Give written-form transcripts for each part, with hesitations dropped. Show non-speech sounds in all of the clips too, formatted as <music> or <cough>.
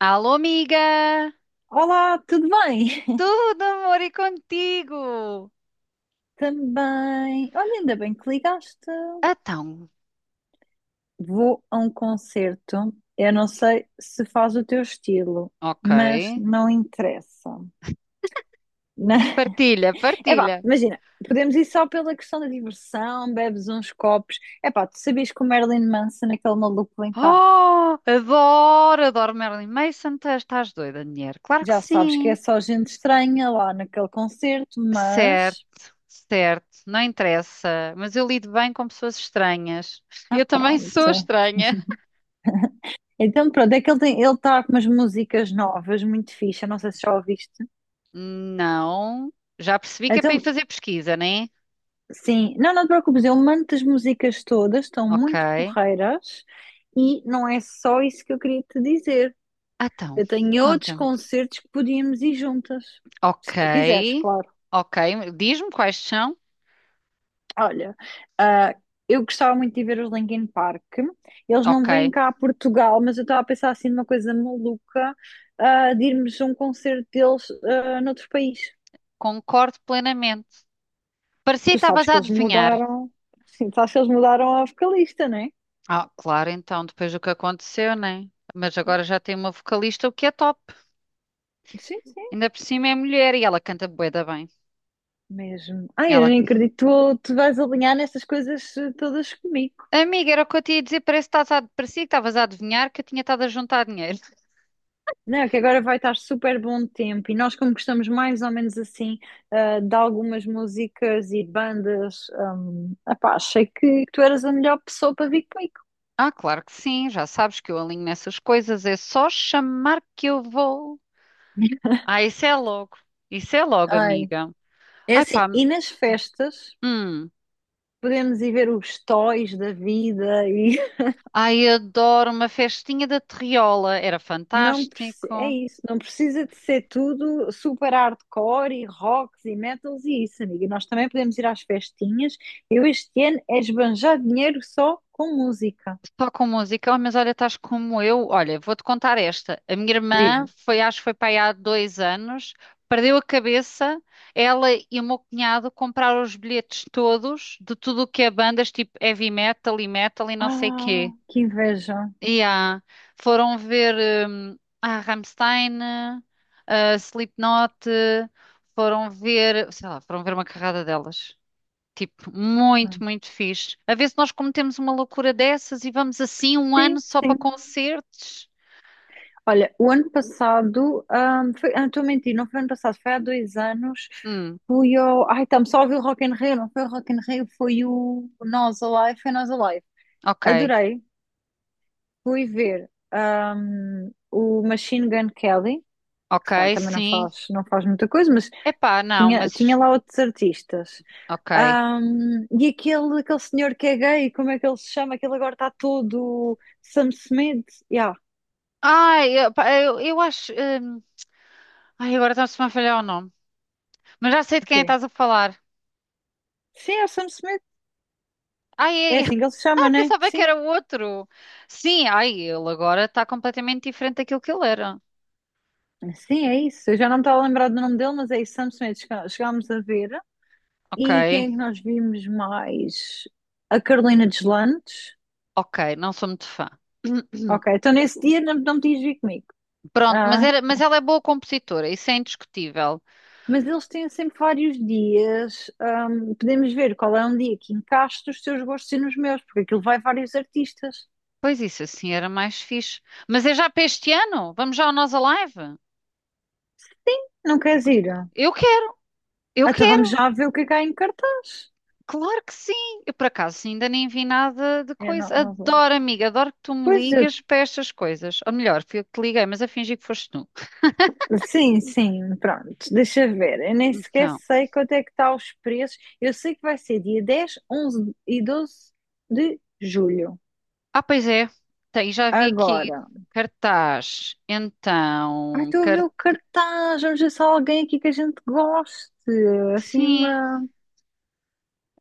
Alô, amiga! Olá, tudo bem? Tudo amor e contigo! <laughs> Também. Olha, ainda bem que ligaste. Então, Vou a um concerto. Eu não sei se faz o teu estilo, ok. mas não interessa. Na- Partilha, É <laughs> partilha. imagina, podemos ir só pela questão da diversão, bebes uns copos. É pá, tu sabias que o Marilyn Manson, aquele maluco, vem cá. Oh, adoro, adoro Marilyn Manson. Tu Estás doida, mulher? Claro que Já sabes sim. que é só gente estranha lá naquele concerto, mas. Certo, certo. Não interessa. Mas eu lido bem com pessoas estranhas. <laughs> Ah, Eu também sou pronto. estranha. <laughs> Então, pronto, é que ele está com umas músicas novas, muito fixe. Eu não sei se já ouviste. Não. Já percebi que é para ir Então, fazer pesquisa, né? sim, não te preocupes, eu mando as músicas todas, estão Ok. muito porreiras e não é só isso que eu queria te dizer. Então, Eu tenho outros conta-me. concertos que podíamos ir juntas, se Ok. tu quiseres, claro. Ok. Diz-me quais são. Olha, ah, eu gostava muito de ver os Linkin Park, eles não Ok, vêm cá a Portugal, mas eu estava a pensar assim numa coisa maluca, de irmos a um concerto deles, noutro país. concordo plenamente. Parecia que Tu sabes estavas a que eles adivinhar. mudaram, <laughs> sim, sabes que eles mudaram a vocalista, não é? Ah, claro, então, depois do que aconteceu, né? Mas agora já tem uma vocalista, o que é top. Sim, sim. Ainda por cima é mulher e ela canta bué da bem. Mesmo. Ai, eu Ela, nem acredito que tu vais alinhar nessas coisas todas comigo. amiga, era o que eu te ia dizer, parece que parecia que estavas a adivinhar que eu tinha estado a juntar dinheiro. <laughs> Não, que agora vai estar super bom tempo e nós, como gostamos mais ou menos assim, de algumas músicas e bandas, epá, achei que tu eras a melhor pessoa para vir comigo. Ah, claro que sim, já sabes que eu alinho nessas coisas, é só chamar que eu vou. Ah, isso é logo, Ai. amiga. É Ai assim, pá, e nas festas hum. podemos ir ver os toys da vida. Ai, adoro uma festinha da Terriola, era É fantástico. isso, não precisa de ser tudo super hardcore e rocks e metals e isso, amiga. Nós também podemos ir às festinhas. Eu este ano é esbanjar dinheiro só com música. Só com música. Oh, mas olha, estás como eu. Olha, vou-te contar esta. A minha irmã Diz-me. foi, acho que foi para aí há dois anos, perdeu a cabeça. Ela e o meu cunhado compraram os bilhetes todos de tudo o que é bandas, tipo heavy metal e metal e não sei Ah, quê. que inveja. E ah, foram ver a Rammstein, a Slipknot, foram ver, sei lá, foram ver uma carrada delas. Tipo, Ah, muito, muito fixe. A ver se nós cometemos uma loucura dessas e vamos assim um ano sim, só para sim. concertos. Olha, o ano passado, foi, ah, estou a mentir, não foi ano passado, foi há 2 anos. Hum, Fui ao. Ai, estamos só a ouvir o Rock in Rio, não foi o Rock in Rio, foi o Nós Alive, foi Nós Alive. ok, Adorei. Fui ver o Machine Gun Kelly, que se calhar ok, também não sim. faz, não faz muita coisa, mas Epá, não, tinha mas lá outros artistas. ok. E aquele senhor que é gay, como é que ele se chama? Aquele agora está todo Sam Smith. Yeah, Ai, epá, eu acho. Hum, ai, agora está-me a falhar o nome. Mas já sei de quem ok. estás a falar. Sim, é o Sam Smith. Ai, É ai, assim <laughs> que ele se chama, ai, né? pensava que Sim. era o outro. Sim, ai, ele agora está completamente diferente daquilo que ele era. Sim, é isso. Eu já não me estava a lembrar do nome dele, mas é isso, Sam Smith. Chegámos a ver. Ok, E quem é que nós vimos mais? A Carolina Deslandes. ok, não sou muito fã. <clears throat> Ok, então nesse dia não, não me tinhas vir comigo. Pronto, mas, Ah, era, mas ela é boa compositora, isso é indiscutível. mas eles têm sempre vários dias. Podemos ver qual é um dia que encaixa os teus gostos e nos meus, porque aquilo vai vários artistas. Pois isso, assim era mais fixe. Mas é já para este ano? Vamos já ao Nós Alive? Não queres ir? Eu quero, eu Ah, então vamos quero, já ver o que é que há em cartaz. claro que sim. Eu por acaso ainda nem vi nada de Eu não, coisa. não vou. Adoro, amiga, adoro que tu me Pois eu. ligas para estas coisas. Ou melhor, fui eu que te liguei, mas a fingir que foste tu. Sim, sim, pronto. Deixa ver. Eu nem sequer Então, sei quanto é que está os preços. Eu sei que vai ser dia 10, 11 e 12 de julho. ah, pois é, tem, já vi aqui Agora. cartaz. Ai, Então, estou a ver o cartaz. cartaz. Vamos ver se há alguém aqui que a gente goste. Assim, Sim, uma.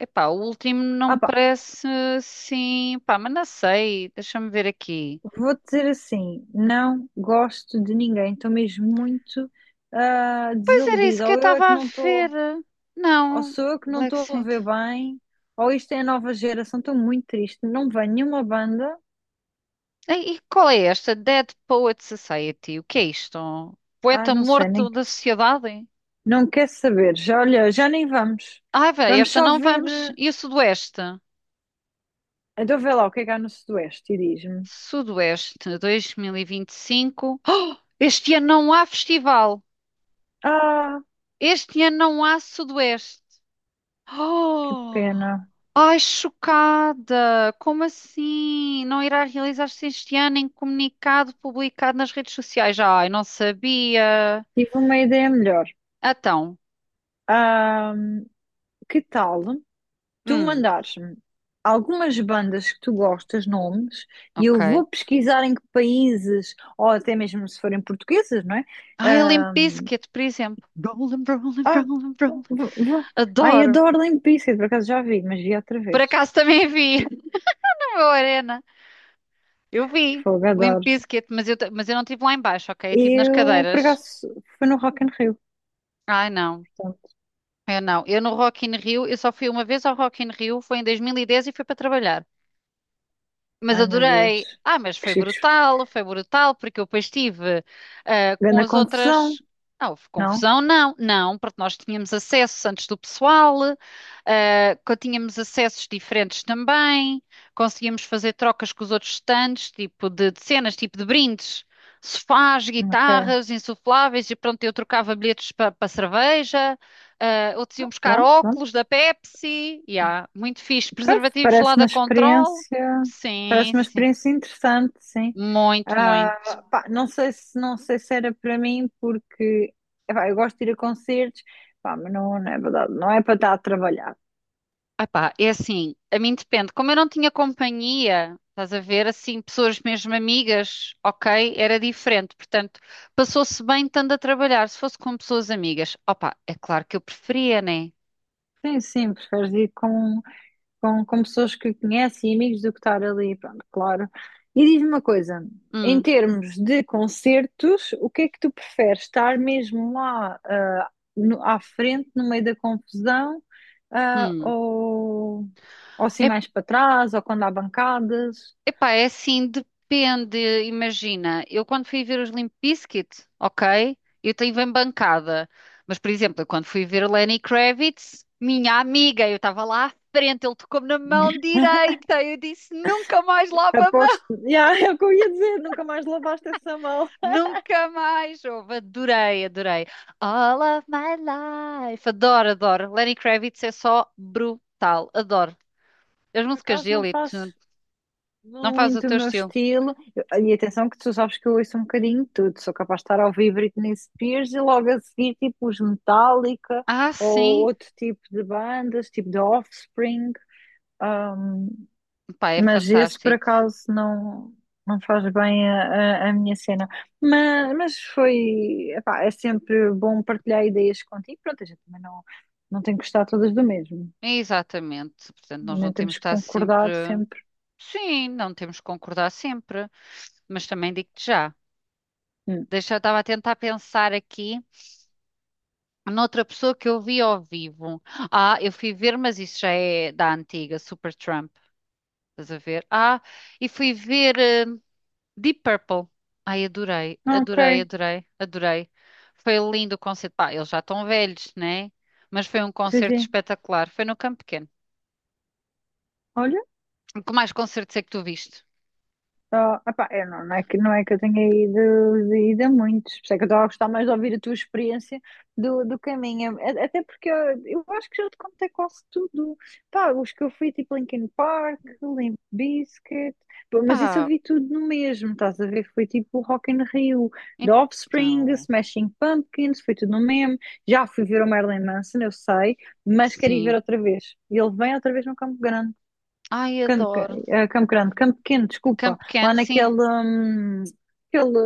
epá, o último não Ah, me pá. parece sim, pá, mas não sei, deixa-me ver aqui. Vou dizer assim, não gosto de ninguém, estou mesmo muito Pois era isso desiludida. que eu Ou eu é estava que a não ver. estou, ou Não, sou eu que não Black estou a Saint. ver bem, ou isto é a nova geração, estou muito triste. Não vem nenhuma banda, E qual é esta? Dead Poet Society. O que é isto? ai Poeta não sei, morto nem, da sociedade? não quer saber. Já, olha, já nem vamos. Ai, vai, Vamos esta só não ver. vamos. E o Sudoeste? Então vê lá o que é que há no Sudoeste e diz-me. Sudoeste 2025. Oh, este ano não há festival. Ah, Este ano não há Sudoeste. que Oh! pena, Ai, chocada! Como assim? Não irá realizar-se este ano em comunicado publicado nas redes sociais? Ai, não sabia. tive uma ideia melhor. Então, Ah, que tal tu hum, mandares-me algumas bandas que tu gostas, nomes, e eu ok. vou pesquisar em que países, ou até mesmo se forem portuguesas, não é? Ai, a Limp Bizkit, por exemplo. Rollin', rollin', Ah, rollin', vou, rollin'. vou. Ai, Adoro. adoro Limp Bizkit, por acaso já vi, mas vi outra Por vez. acaso também vi <laughs> na meu arena. Eu vi Fogo, Limp adoro. Bizkit, mas eu, mas eu não estive lá em baixo, ok? Eu estive nas Eu, por cadeiras. acaso, foi no Rock in Rio, Ai, não. portanto. Eu não. Eu no Rock in Rio, eu só fui uma vez ao Rock in Rio, foi em 2010 e dez e fui para trabalhar. Mas Ai, meu adorei. Deus. Ah, mas Que chique. Foi brutal, porque eu depois estive ah, com Grande as confusão, outras. Ah, houve não? confusão? Não, não, porque nós tínhamos acessos antes do pessoal, ah, tínhamos acessos diferentes também, conseguíamos fazer trocas com os outros stands, tipo de cenas, tipo de brindes, sofás, Ok, guitarras, insufláveis, e pronto, eu trocava bilhetes para cerveja, ah, outros iam buscar pronto. óculos da Pepsi, yeah, muito fixe, Pois, preservativos lá parece da uma Control. experiência, Sim, parece uma sim. experiência interessante, sim. Muito, muito. Ah, pá, não sei se era para mim, porque epá, eu gosto de ir a concertos, pá, mas não, não é verdade, não é para estar a trabalhar. Epá, é assim, a mim depende. Como eu não tinha companhia, estás a ver, assim, pessoas mesmo amigas, ok, era diferente. Portanto, passou-se bem estando a trabalhar. Se fosse com pessoas amigas, opá, é claro que eu preferia, né? Sim, sim, preferes ir com com pessoas que conhece e amigos, do que estar ali, pronto, claro. E diz-me uma coisa, em Hum, termos de concertos, o que é que tu preferes? Estar mesmo lá, à frente, no meio da confusão, ah, hum. ou, ou assim mais para trás, ou quando há bancadas? Epá, é assim, depende. Imagina, eu quando fui ver os Limp Bizkit, ok, eu tenho bem bancada. Mas, por exemplo, eu quando fui ver Lenny Kravitz, minha amiga, eu estava lá à frente, ele tocou-me na mão direita. Eu disse, nunca mais lava a mão, Aposto, yeah, <laughs> é o que eu ia dizer, nunca mais lavaste essa mão. nunca mais. Ouve, adorei, adorei. All of my life. Adoro, adoro. Lenny Kravitz é só brutal, adoro. As Por músicas acaso não dele e tudo. faz Não faz o muito o teu meu estilo. estilo. E atenção que tu sabes que eu ouço um bocadinho de tudo. Sou capaz de estar a ouvir Britney Spears e logo a seguir tipo os Metallica Ah, ou sim. outro tipo de bandas, tipo de Offspring. Ahm, Pá, é mas esse por fantástico. acaso não, não faz bem a minha cena. Mas foi, epá, é sempre bom partilhar ideias contigo. Pronto, a gente também não, não tem que gostar todas do mesmo. Exatamente. Portanto, nós não Nem temos temos de que estar sempre. concordar sempre. Sim, não temos de concordar sempre. Mas também digo-te já. Hum. Deixa, eu estava a tentar pensar aqui noutra pessoa que eu vi ao vivo. Ah, eu fui ver, mas isso já é da antiga, Super Trump. Estás a ver? Ah, e fui ver Deep Purple. Ai, adorei, Ok, adorei, adorei, adorei. Foi lindo o concerto. Pá, eles já estão velhos, né? Mas foi um sim, concerto sim. espetacular. Foi no Campo Pequeno. Olha. Que mais concertos é que tu viste? Oh, epá, eu não, não é que, não é que eu tenha ido, ido a muitos, por isso é que eu estava a gostar mais de ouvir a tua experiência do, do caminho. Até porque eu, acho que já te contei quase tudo, pá, os que eu fui, tipo Linkin Park, Limp Bizkit, pô, mas isso eu Pá, vi tudo no mesmo, estás a ver, foi tipo Rock in Rio, The Offspring, então, Smashing Pumpkins, foi tudo no mesmo, já fui ver o Marilyn Manson, eu sei, mas quero ir sim. ver outra vez, e ele vem outra vez no Campo Grande. Ai, adoro. Campo Grande, Campo Pequeno, desculpa, Campo Pequeno, lá naquele, sim. Aquele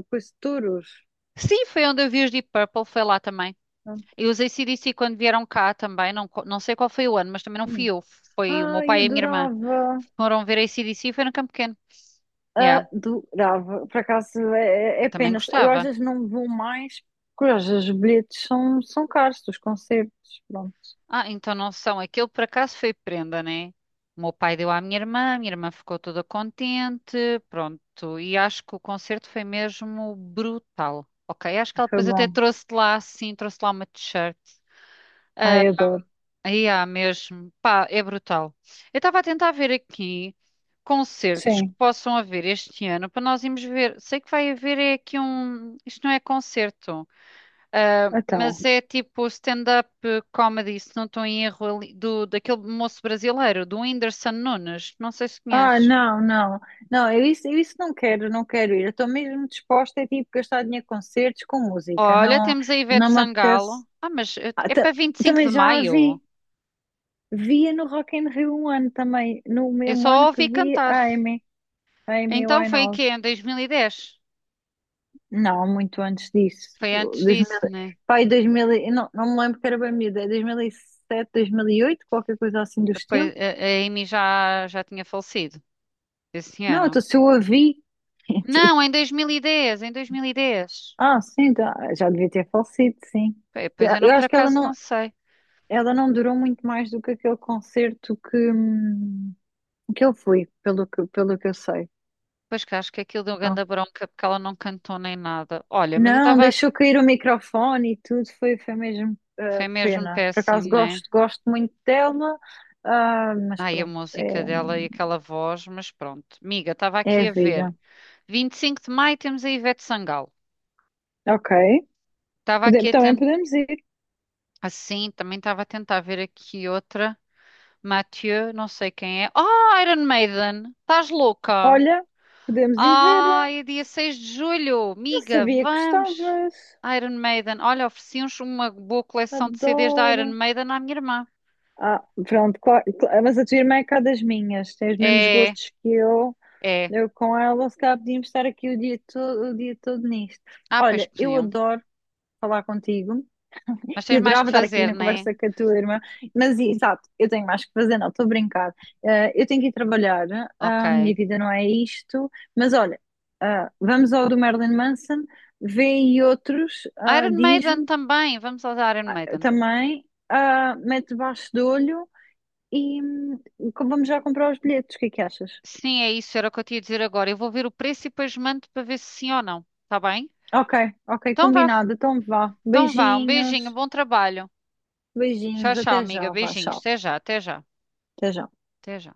coisa de touros. Sim, foi onde eu vi os Deep Purple, foi lá também. Ah. E os ac C quando vieram cá também, não, não sei qual foi o ano, mas também não Hum. fui eu, foi o meu Ai, pai e a minha irmã. Foram ver AC/DC e foi no Campo Pequeno. Yeah, adorava. Por acaso eu é também pena, eu às gostava. vezes não vou mais, porque às vezes os bilhetes são caros, dos concertos. Pronto, Ah, então não são. Aquilo por acaso foi prenda, né? O meu pai deu à minha irmã, a minha irmã ficou toda contente, pronto. E acho que o concerto foi mesmo brutal. Ok, acho que ela foi depois até bom. trouxe de lá, sim, trouxe de lá uma t-shirt. Ah, Ai, adoro. aí há mesmo. Pá, é brutal. Eu estava a tentar ver aqui concertos que Sim, possam haver este ano para nós irmos ver. Sei que vai haver é aqui um. Isto não é concerto. Ah, mas então. é tipo stand-up comedy, se não estou em erro, ali, daquele moço brasileiro, do Whindersson Nunes. Não sei se Ah, conheces. não, não, não, eu isso não quero, não quero ir. Eu estou mesmo disposta a tipo gastar dinheiro com concertos, com música. Olha, Não, temos a Ivete não me apetece. Sangalo. Ah, mas Ah, é para 25 também de já a maio. vi. Via no Rock in Rio um ano também, no Eu só mesmo a ano que ouvi vi cantar. A Amy Então foi em Winehouse. quê? Em 2010. Não, muito antes disso. Foi antes disso, né? 2000, não, não me lembro, que era bem miúda, é dois mil e sete, 2008, qualquer coisa assim do Depois estilo. a Amy já, já tinha falecido esse Não, ano. então se eu a vi, <laughs> Não, tipo, em 2010, em 2010. ah, sim, tá, já devia ter falecido, sim. Bem, Pois Eu eu não, eu por acho que acaso, não sei. ela não durou muito mais do que aquele concerto que eu fui, pelo que eu sei. Pois que acho que aquilo deu grande Então, bronca porque ela não cantou nem nada. Olha, mas eu não, estava. deixou cair o microfone e tudo, foi, foi mesmo Foi mesmo pena. Por péssimo, acaso né? gosto, gosto muito dela, ah, mas Ai, a pronto, música é, dela e aquela voz, mas pronto. Miga, estava é aqui a a ver. vida. 25 de maio temos a Ivete Sangalo. Ok, Estava aqui a também tentar. podemos ir. Assim, também estava a tentar ver aqui outra. Mathieu, não sei quem é. Ah, Iron Maiden! Estás louca? Olha, podemos ir ver. Ah, é dia 6 de julho. Não Miga, sabia que vamos! gostavas. Iron Maiden. Olha, ofereci uns uma boa coleção de CDs da Adoro. Iron Maiden à minha irmã. Ah, pronto, claro, claro, mas a tua irmã é cá das minhas, tem os mesmos É, gostos que eu. é. Eu com ela, se calhar podíamos estar aqui o dia todo nisto. Ah, pois Olha, eu podiam. adoro falar contigo. Mas Que tens mais que adorava estar aqui fazer, na não é? conversa com a tua irmã, mas exato, eu tenho mais que fazer, não, estou a brincar. Eu tenho que ir trabalhar, ah, minha Ok. vida não é isto, mas olha, ah, vamos ao do Marilyn Manson, vê aí outros, ah, Iron Maiden diz-me, também. Vamos aos Iron ah, Maiden. também, ah, mete debaixo do olho e vamos já comprar os bilhetes, o que é que achas? Sim, é isso. Era o que eu tinha a dizer agora. Eu vou ver o preço e depois mando para ver se sim ou não. Tá bem? Ok, ok, Então vá. combinado, então vá, Então vá. Um beijinho. beijinhos, Bom trabalho. Tchau, beijinhos, tchau, até amiga. já, vá, Beijinhos. tchau, Até já, até já. até já. Até já.